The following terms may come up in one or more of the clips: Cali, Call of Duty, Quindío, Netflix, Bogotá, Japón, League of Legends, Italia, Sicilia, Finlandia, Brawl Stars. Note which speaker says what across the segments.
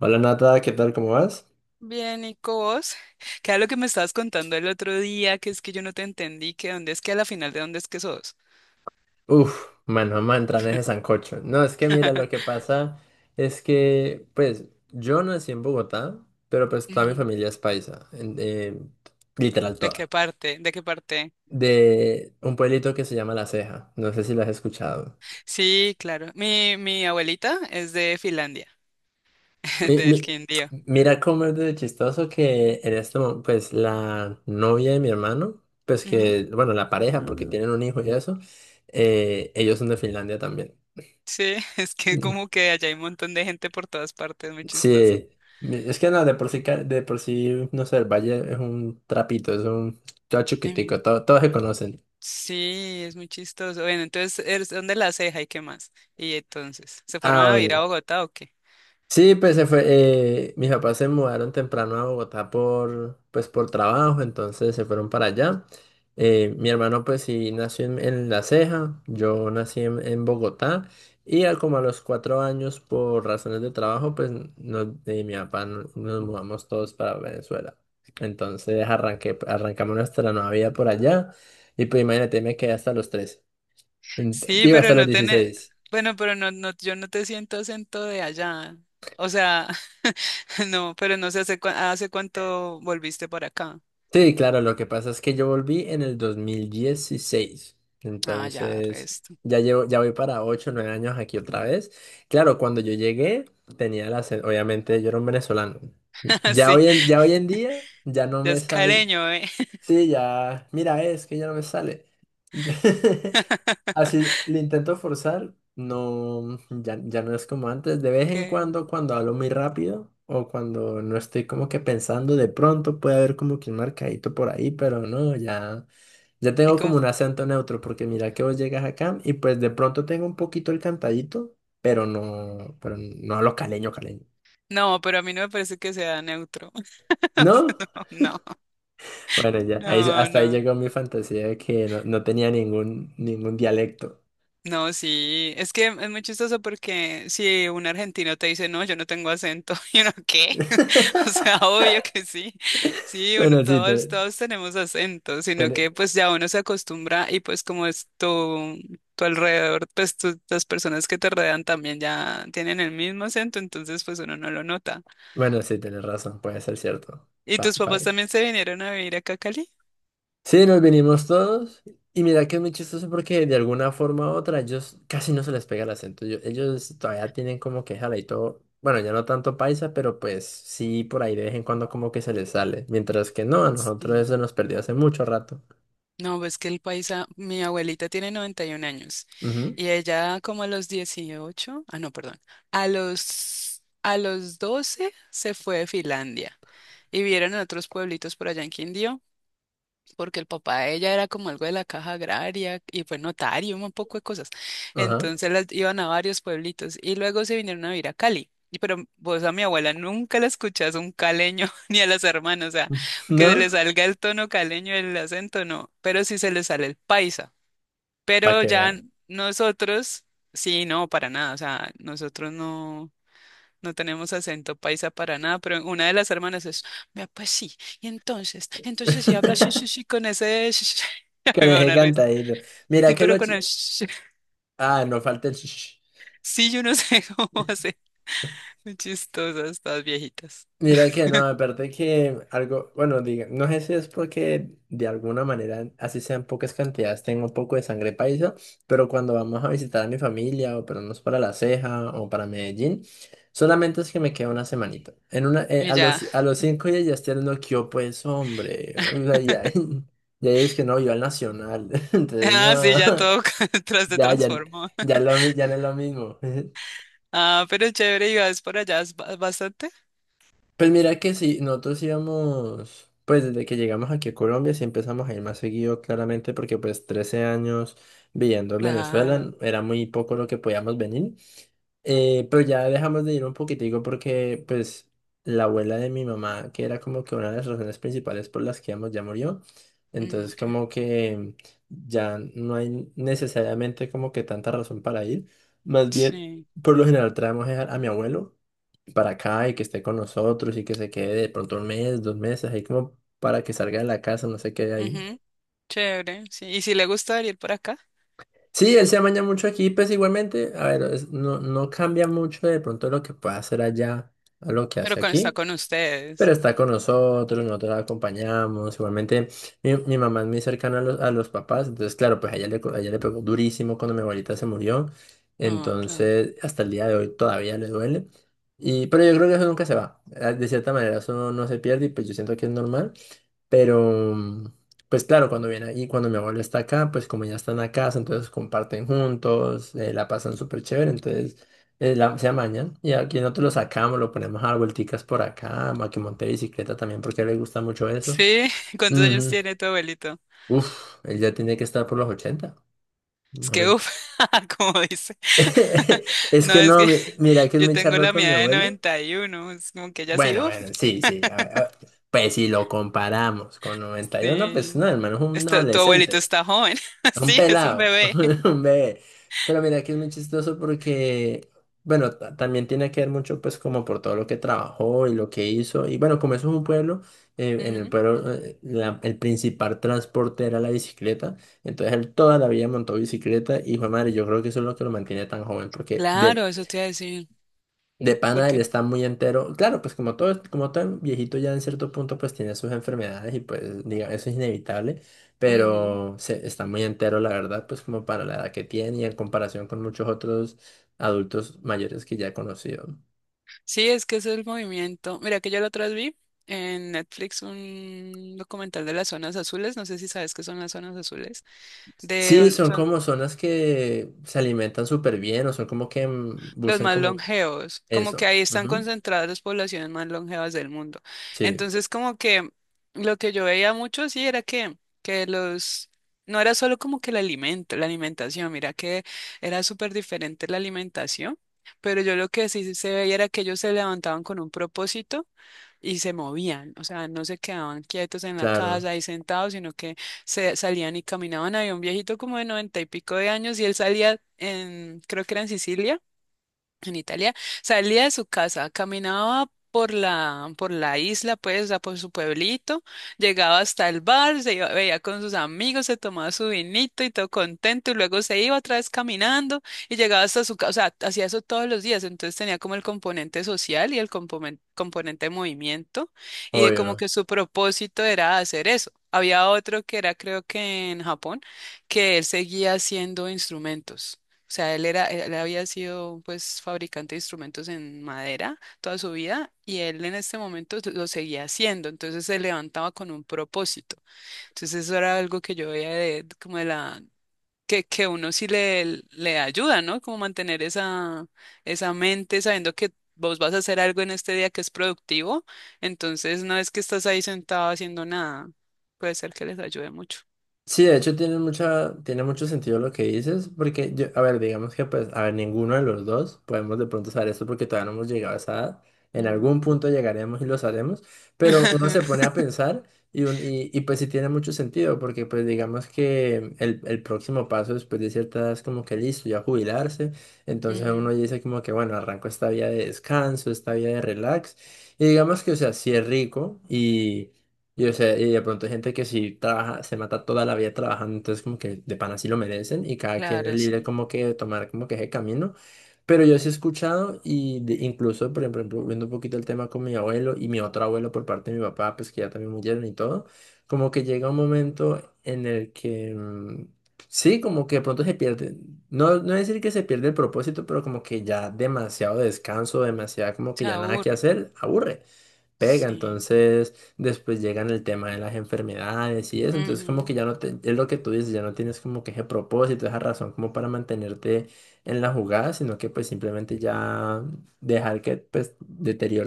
Speaker 1: Hola Nata, ¿qué tal? ¿Cómo vas?
Speaker 2: Bien, Nico, vos, ¿qué era lo que me estabas contando el otro día? Que es que yo no te entendí, que dónde es que a la final de dónde es que sos.
Speaker 1: Uf, mano, vamos a entrar en ese sancocho. No, es que mira, lo que pasa es que, pues, yo nací en Bogotá, pero pues toda mi
Speaker 2: Ujú.
Speaker 1: familia es paisa, literal
Speaker 2: ¿De qué
Speaker 1: toda,
Speaker 2: parte? ¿De qué parte?
Speaker 1: de un pueblito que se llama La Ceja. No sé si lo has escuchado.
Speaker 2: Sí, claro. Mi abuelita es de Finlandia,
Speaker 1: Mi-
Speaker 2: del
Speaker 1: mi-
Speaker 2: Quindío.
Speaker 1: Mira cómo es de chistoso que en este momento, pues, la novia de mi hermano, pues
Speaker 2: Ujú.
Speaker 1: que, bueno, la pareja, porque tienen un hijo y eso, ellos son de Finlandia también.
Speaker 2: Sí, es que como que allá hay un montón de gente por todas partes, muy chistoso.
Speaker 1: Sí, mi- es que no, de por sí, ca- de por sí, no sé, el Valle es un trapito, es un todo
Speaker 2: Ujú.
Speaker 1: chiquitico, todo- todos se conocen.
Speaker 2: Sí, es muy chistoso. Bueno, entonces, ¿eres? ¿Dónde, la Ceja y qué más? Y entonces, ¿se fueron
Speaker 1: Ah,
Speaker 2: a
Speaker 1: bueno.
Speaker 2: vivir a Bogotá o qué?
Speaker 1: Sí, pues se fue, mis papás se mudaron temprano a Bogotá por, pues, por trabajo, entonces se fueron para allá. Mi hermano pues sí nació en La Ceja, yo nací en Bogotá y a, como a los cuatro años por razones de trabajo pues nos, mi papá no- nos mudamos todos para Venezuela. Entonces arranqué, arrancamos nuestra nueva vida por allá y pues imagínate me quedé hasta los 13, Ent-
Speaker 2: Sí,
Speaker 1: digo
Speaker 2: pero
Speaker 1: hasta los
Speaker 2: no tiene,
Speaker 1: 16.
Speaker 2: bueno, pero yo no te siento acento de allá. O sea, no, pero no sé hace, hace cuánto volviste por acá.
Speaker 1: Sí, claro, lo que pasa es que yo volví en el 2016,
Speaker 2: Ah, ya,
Speaker 1: entonces
Speaker 2: resto.
Speaker 1: ya llevo, ya voy para 8, o 9 años aquí otra vez. Claro, cuando yo llegué tenía la, obviamente yo era un venezolano.
Speaker 2: Sí,
Speaker 1: Ya hoy en día ya no
Speaker 2: ya
Speaker 1: me
Speaker 2: es
Speaker 1: sale,
Speaker 2: careño, ¿eh?
Speaker 1: sí, ya, mira, es que ya no me sale. Así le intento forzar, no, ya, ya no es como antes. De vez en
Speaker 2: Que-
Speaker 1: cuando, cuando hablo muy rápido o cuando no estoy como que pensando, de pronto puede haber como que un marcadito por ahí, pero no, ya, ya
Speaker 2: y
Speaker 1: tengo
Speaker 2: como-
Speaker 1: como un acento neutro, porque mira que vos llegas acá y pues de pronto tengo un poquito el cantadito, pero no hablo caleño, caleño.
Speaker 2: no, pero a mí no me parece que sea neutro. O
Speaker 1: ¿No?
Speaker 2: sea, No,
Speaker 1: Bueno, ya, ahí,
Speaker 2: no,
Speaker 1: hasta ahí
Speaker 2: no.
Speaker 1: llegó mi fantasía de que no, no tenía ningún, ningún dialecto.
Speaker 2: No, sí, es que es muy chistoso porque si un argentino te dice: "No, yo no tengo acento", y uno, ¿qué? O sea, obvio que sí. Sí, uno,
Speaker 1: Bueno, sí,
Speaker 2: todos,
Speaker 1: te-
Speaker 2: todos tenemos acento, sino
Speaker 1: te-
Speaker 2: que pues ya uno se acostumbra y pues como es tu alrededor, pues las personas que te rodean también ya tienen el mismo acento, entonces pues uno no lo nota.
Speaker 1: bueno, sí, tienes razón, puede ser cierto.
Speaker 2: ¿Y
Speaker 1: Pa
Speaker 2: tus papás
Speaker 1: pague.
Speaker 2: también se vinieron a vivir acá a Cali?
Speaker 1: Sí, nos vinimos todos. Y mira que es muy chistoso porque de alguna forma u otra ellos casi no se les pega el acento. Yo- ellos todavía tienen como que jala y todo. Bueno, ya no tanto paisa, pero pues sí, por ahí de vez en cuando como que se les sale. Mientras que no, a nosotros eso
Speaker 2: Sí.
Speaker 1: nos perdió hace mucho rato.
Speaker 2: No, pues que el paisa, mi abuelita tiene 91 años
Speaker 1: Ujú,
Speaker 2: y ella como a los 18, ah, no, perdón, a a los 12 se fue de Finlandia y vieron a otros pueblitos por allá en Quindío porque el papá de ella era como algo de la Caja Agraria y fue notario, un poco de cosas.
Speaker 1: ajá.
Speaker 2: Entonces las iban a varios pueblitos y luego se vinieron a vivir a Cali. Y pero vos a mi abuela nunca la escuchás un caleño ni a las hermanas, o sea, que se
Speaker 1: ¿No?
Speaker 2: le salga el tono caleño, el acento, no, pero sí se le sale el paisa.
Speaker 1: Para
Speaker 2: Pero
Speaker 1: que
Speaker 2: ya
Speaker 1: vean.
Speaker 2: nosotros, sí, no, para nada, o sea, nosotros no. No tenemos acento paisa para nada, pero una de las hermanas es, vea, pues sí, y entonces, entonces si habla sí, sí, sí, con ese, sí, sí, a
Speaker 1: Que
Speaker 2: mí me
Speaker 1: les
Speaker 2: da
Speaker 1: he
Speaker 2: una risa.
Speaker 1: cantadito. Mira
Speaker 2: Sí,
Speaker 1: que
Speaker 2: pero
Speaker 1: lo...
Speaker 2: con el
Speaker 1: chi-
Speaker 2: sí, sí,
Speaker 1: ah, no falta el...
Speaker 2: sí, yo no sé cómo hacer. Muy chistosas estas viejitas.
Speaker 1: Mira que no, aparte que algo, bueno, diga, no sé si es porque de alguna manera, así sean pocas cantidades, tengo un poco de sangre paisa, pero cuando vamos a visitar a mi familia o pero no es para La Ceja o para Medellín, solamente es que me queda una semanita. En una,
Speaker 2: Y ya,
Speaker 1: a los cinco días ya estoy hablando que yo pues hombre, o sea, ya, ya es que no, yo al Nacional, entonces
Speaker 2: ah, sí,
Speaker 1: no,
Speaker 2: ya todo tras se
Speaker 1: ya, ya,
Speaker 2: transformó.
Speaker 1: ya, lo, mi- ya no es lo mismo.
Speaker 2: Ah, pero chévere, y vas por allá es bastante.
Speaker 1: Pues mira que sí, nosotros íbamos, pues desde que llegamos aquí a Colombia sí empezamos a ir más seguido claramente porque pues 13 años viviendo en
Speaker 2: Claro.
Speaker 1: Venezuela era muy poco lo que podíamos venir. Pero ya dejamos de ir un poquitico porque pues la abuela de mi mamá, que era como que una de las razones principales por las que íbamos, ya murió,
Speaker 2: Mm,
Speaker 1: entonces
Speaker 2: ok.
Speaker 1: como que ya no hay necesariamente como que tanta razón para ir, más bien
Speaker 2: Sí.
Speaker 1: por lo general traemos a mi abuelo para acá y que esté con nosotros y que se quede de pronto un mes, dos meses, ahí como para que salga de la casa, no sé qué hay ahí.
Speaker 2: Ujú. Chévere, sí. Y si le gusta venir por acá,
Speaker 1: Sí, él se amaña mucho aquí, pues igualmente, a ver, es- no, no cambia mucho de pronto lo que pueda hacer allá a lo que
Speaker 2: pero
Speaker 1: hace
Speaker 2: con, está
Speaker 1: aquí.
Speaker 2: con
Speaker 1: Pero
Speaker 2: ustedes.
Speaker 1: está con nosotros, nosotros la acompañamos. Igualmente, mi mamá es muy cercana a los papás, entonces, claro, pues a ella le, co- a ella le pegó durísimo cuando mi abuelita se murió.
Speaker 2: Ah, claro.
Speaker 1: Entonces, hasta el día de hoy todavía le duele. Y, pero yo creo que eso nunca se va. De cierta manera, eso no, no se pierde y pues yo siento que es normal. Pero, pues claro, cuando viene ahí, cuando mi abuelo está acá, pues como ya están a casa, entonces comparten juntos, la pasan súper chévere, entonces la- se amañan. Y aquí nosotros lo sacamos, lo ponemos a dar vuelticas por acá, a que monte bicicleta también, porque a él le gusta mucho eso.
Speaker 2: Sí, ¿cuántos años
Speaker 1: Ujú.
Speaker 2: tiene tu abuelito?
Speaker 1: Uf, él ya tiene que estar por los 80
Speaker 2: Es
Speaker 1: más
Speaker 2: que,
Speaker 1: o
Speaker 2: uff, como dice.
Speaker 1: es
Speaker 2: No,
Speaker 1: que
Speaker 2: es
Speaker 1: no,
Speaker 2: que
Speaker 1: mi- mira que es
Speaker 2: yo
Speaker 1: me
Speaker 2: tengo
Speaker 1: charro
Speaker 2: la
Speaker 1: con mi
Speaker 2: mía de
Speaker 1: abuelo.
Speaker 2: 91, es como que ella sí,
Speaker 1: Bueno,
Speaker 2: uff,
Speaker 1: bueno, sí, sí, a ver, pues si lo comparamos con 91 pues no,
Speaker 2: sí.
Speaker 1: hermano, es un
Speaker 2: Está- tu abuelito
Speaker 1: adolescente.
Speaker 2: está joven,
Speaker 1: A un
Speaker 2: sí, es un
Speaker 1: pelado,
Speaker 2: bebé.
Speaker 1: un bebé. Pero mira que es muy chistoso porque, bueno, ta- también tiene que ver mucho pues como por todo lo que trabajó y lo que hizo. Y bueno, como eso es un pueblo, en el
Speaker 2: Ujú.
Speaker 1: pueblo la- el principal transporte era la bicicleta. Entonces él toda la vida montó bicicleta y fue madre, yo creo que eso es lo que lo mantiene tan joven porque
Speaker 2: Claro,
Speaker 1: de
Speaker 2: eso te iba a decir. ¿Por
Speaker 1: pana, él
Speaker 2: qué?
Speaker 1: está muy entero. Claro, pues como todo viejito ya en cierto punto pues tiene sus enfermedades y pues diga, eso es inevitable,
Speaker 2: Ujú.
Speaker 1: pero se, está muy entero la verdad, pues como para la edad que tiene y en comparación con muchos otros adultos mayores que ya he conocido.
Speaker 2: Sí, es que ese es el movimiento. Mira que yo la otra vez vi en Netflix un documental de las zonas azules, no sé si sabes qué son las zonas azules,
Speaker 1: Sí,
Speaker 2: de
Speaker 1: son como zonas que se alimentan súper bien o son como que
Speaker 2: los
Speaker 1: buscan
Speaker 2: más
Speaker 1: como que
Speaker 2: longevos, como que
Speaker 1: eso.
Speaker 2: ahí están
Speaker 1: Ujú.
Speaker 2: concentradas las poblaciones más longevas del mundo.
Speaker 1: Sí,
Speaker 2: Entonces, como que lo que yo veía mucho, sí, era que, que los, no era solo como que el alimento, la alimentación, mira que era súper diferente la alimentación, pero yo lo que sí se veía era que ellos se levantaban con un propósito y se movían, o sea, no se quedaban quietos en la
Speaker 1: claro,
Speaker 2: casa ahí sentados, sino que se salían y caminaban. Había un viejito como de 90 y pico de años y él salía en, creo que era en Sicilia, en Italia, salía de su casa, caminaba por la isla, pues, o por su pueblito, llegaba hasta el bar, se iba, veía con sus amigos, se tomaba su vinito y todo contento, y luego se iba otra vez caminando y llegaba hasta su casa, o sea, hacía eso todos los días, entonces tenía como el componente social y el componente de movimiento, y de como
Speaker 1: obvio.
Speaker 2: que su propósito era hacer eso. Había otro que era, creo que en Japón, que él seguía haciendo instrumentos. O sea, él era, él había sido pues fabricante de instrumentos en madera toda su vida y él en este momento lo seguía haciendo, entonces se levantaba con un propósito. Entonces eso era algo que yo veía de como de la que uno sí le ayuda, ¿no? Como mantener esa, esa mente sabiendo que vos vas a hacer algo en este día que es productivo, entonces no es que estás ahí sentado haciendo nada. Puede ser que les ayude mucho.
Speaker 1: Sí, de hecho tiene mucha, tiene mucho sentido lo que dices, porque yo, a ver, digamos que pues, a ver, ninguno de los dos podemos de pronto saber esto porque todavía no hemos llegado a esa edad. En algún
Speaker 2: No.
Speaker 1: punto llegaremos y lo sabremos, pero uno se pone a pensar y, un- y pues sí tiene mucho sentido, porque pues digamos que el próximo paso después de cierta edad es como que listo, ya jubilarse, entonces uno
Speaker 2: Ujú.
Speaker 1: dice como que bueno, arranco esta vida de descanso, esta vida de relax, y digamos que o sea, sí es rico y, o sea, y de pronto hay gente que sí trabaja, se mata toda la vida trabajando, entonces como que de pana sí lo merecen y cada quien es
Speaker 2: Claro,
Speaker 1: libre
Speaker 2: sí.
Speaker 1: como que de tomar como que ese camino. Pero yo sí he escuchado y de- incluso, por ejemplo, viendo un poquito el tema con mi abuelo y mi otro abuelo por parte de mi papá, pues que ya también murieron y todo, como que llega un momento en el que, sí, como que de pronto se pierde, no, no decir que se pierde el propósito, pero como que ya demasiado descanso, demasiado como que
Speaker 2: Se
Speaker 1: ya nada que
Speaker 2: aburre.
Speaker 1: hacer, aburre pega,
Speaker 2: Sí.
Speaker 1: entonces después llegan el tema de las enfermedades y eso, entonces como
Speaker 2: Ujú.
Speaker 1: que ya no te, es lo que tú dices, ya no tienes como que ese propósito, esa razón como para mantenerte en la jugada, sino que pues simplemente ya dejar que pues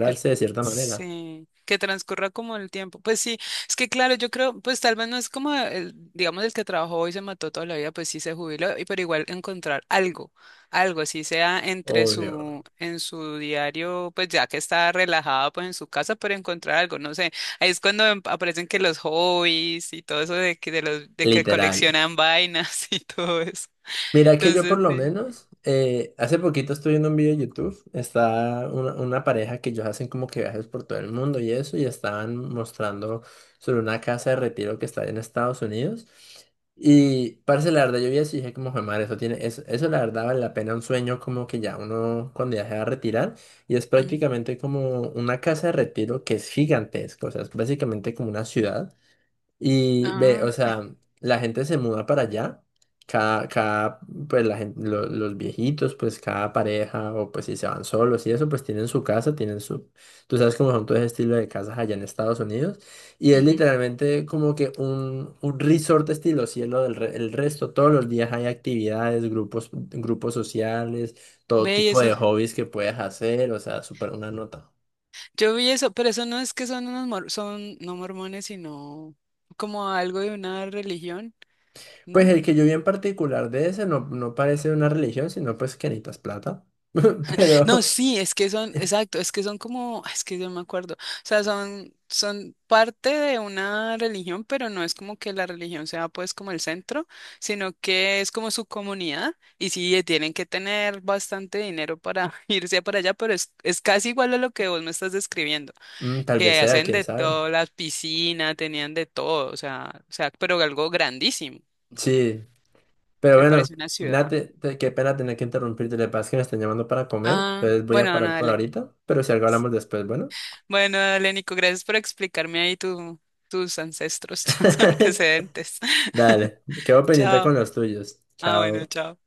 Speaker 2: Que,
Speaker 1: de cierta manera.
Speaker 2: sí. Que transcurra como el tiempo. Pues sí, es que claro, yo creo, pues tal vez no es como el, digamos, el que trabajó y se mató toda la vida, pues sí se jubiló, y pero igual encontrar algo, algo, así sea entre
Speaker 1: Obvio.
Speaker 2: su, en su diario, pues ya que está relajada, pues en su casa, pero encontrar algo, no sé. Ahí es cuando aparecen que los hobbies y todo eso de que
Speaker 1: Literal.
Speaker 2: coleccionan vainas y todo eso.
Speaker 1: Mira que yo por
Speaker 2: Entonces,
Speaker 1: lo
Speaker 2: sí.
Speaker 1: menos, hace poquito estuve viendo un video de YouTube, está una pareja que ellos hacen como que viajes por todo el mundo y eso, y estaban mostrando sobre una casa de retiro que está en Estados Unidos. Y parce, la verdad yo vi eso y dije como, "Jue madre, eso tiene, eso la verdad vale la pena un sueño como que ya uno cuando ya se va a retirar, y es
Speaker 2: Ujú.
Speaker 1: prácticamente como una casa de retiro que es gigantesca, o sea, es básicamente como una ciudad. Y ve,
Speaker 2: Ah,
Speaker 1: o sea, la gente se muda para allá, cada, cada, pues la gente, los viejitos, pues cada pareja, o pues si se van solos y eso, pues tienen su casa, tienen su, tú sabes cómo son todo ese estilo de casas allá en Estados Unidos, y es
Speaker 2: ujú.
Speaker 1: literalmente como que un resort estilo cielo del re- el resto, todos los días hay actividades, grupos, grupos sociales, todo
Speaker 2: Ve, y
Speaker 1: tipo
Speaker 2: eso
Speaker 1: de hobbies que puedes hacer, o sea, súper una nota.
Speaker 2: yo vi eso, pero eso no es que son unos son no mormones, sino como algo de una religión,
Speaker 1: Pues
Speaker 2: ¿no?
Speaker 1: el que yo vi en particular de ese no, no parece una religión, sino pues que necesitas plata. Pero
Speaker 2: No, sí, es que son, exacto, es que son como, es que yo me acuerdo, o sea, son, son parte de una religión, pero no es como que la religión sea pues como el centro, sino que es como su comunidad, y sí, tienen que tener bastante dinero para irse para allá, pero es casi igual a lo que vos me estás describiendo.
Speaker 1: tal vez
Speaker 2: Que
Speaker 1: sea,
Speaker 2: hacen
Speaker 1: quién
Speaker 2: de
Speaker 1: sabe.
Speaker 2: todo, las piscinas, tenían de todo, o sea, pero algo grandísimo. O
Speaker 1: Sí, pero
Speaker 2: sea,
Speaker 1: bueno,
Speaker 2: parece una ciudad.
Speaker 1: Nate, te- qué pena tener que interrumpirte. Le pasa que me están llamando para comer,
Speaker 2: Ah,
Speaker 1: entonces voy a
Speaker 2: bueno, no,
Speaker 1: parar por
Speaker 2: dale.
Speaker 1: ahorita. Pero si algo hablamos después, bueno.
Speaker 2: Bueno, dale, Nico, gracias por explicarme ahí tu, tus ancestros, tus antecedentes.
Speaker 1: Dale, quedo pendiente
Speaker 2: Chao.
Speaker 1: con los tuyos.
Speaker 2: Ah, bueno,
Speaker 1: Chao.
Speaker 2: chao.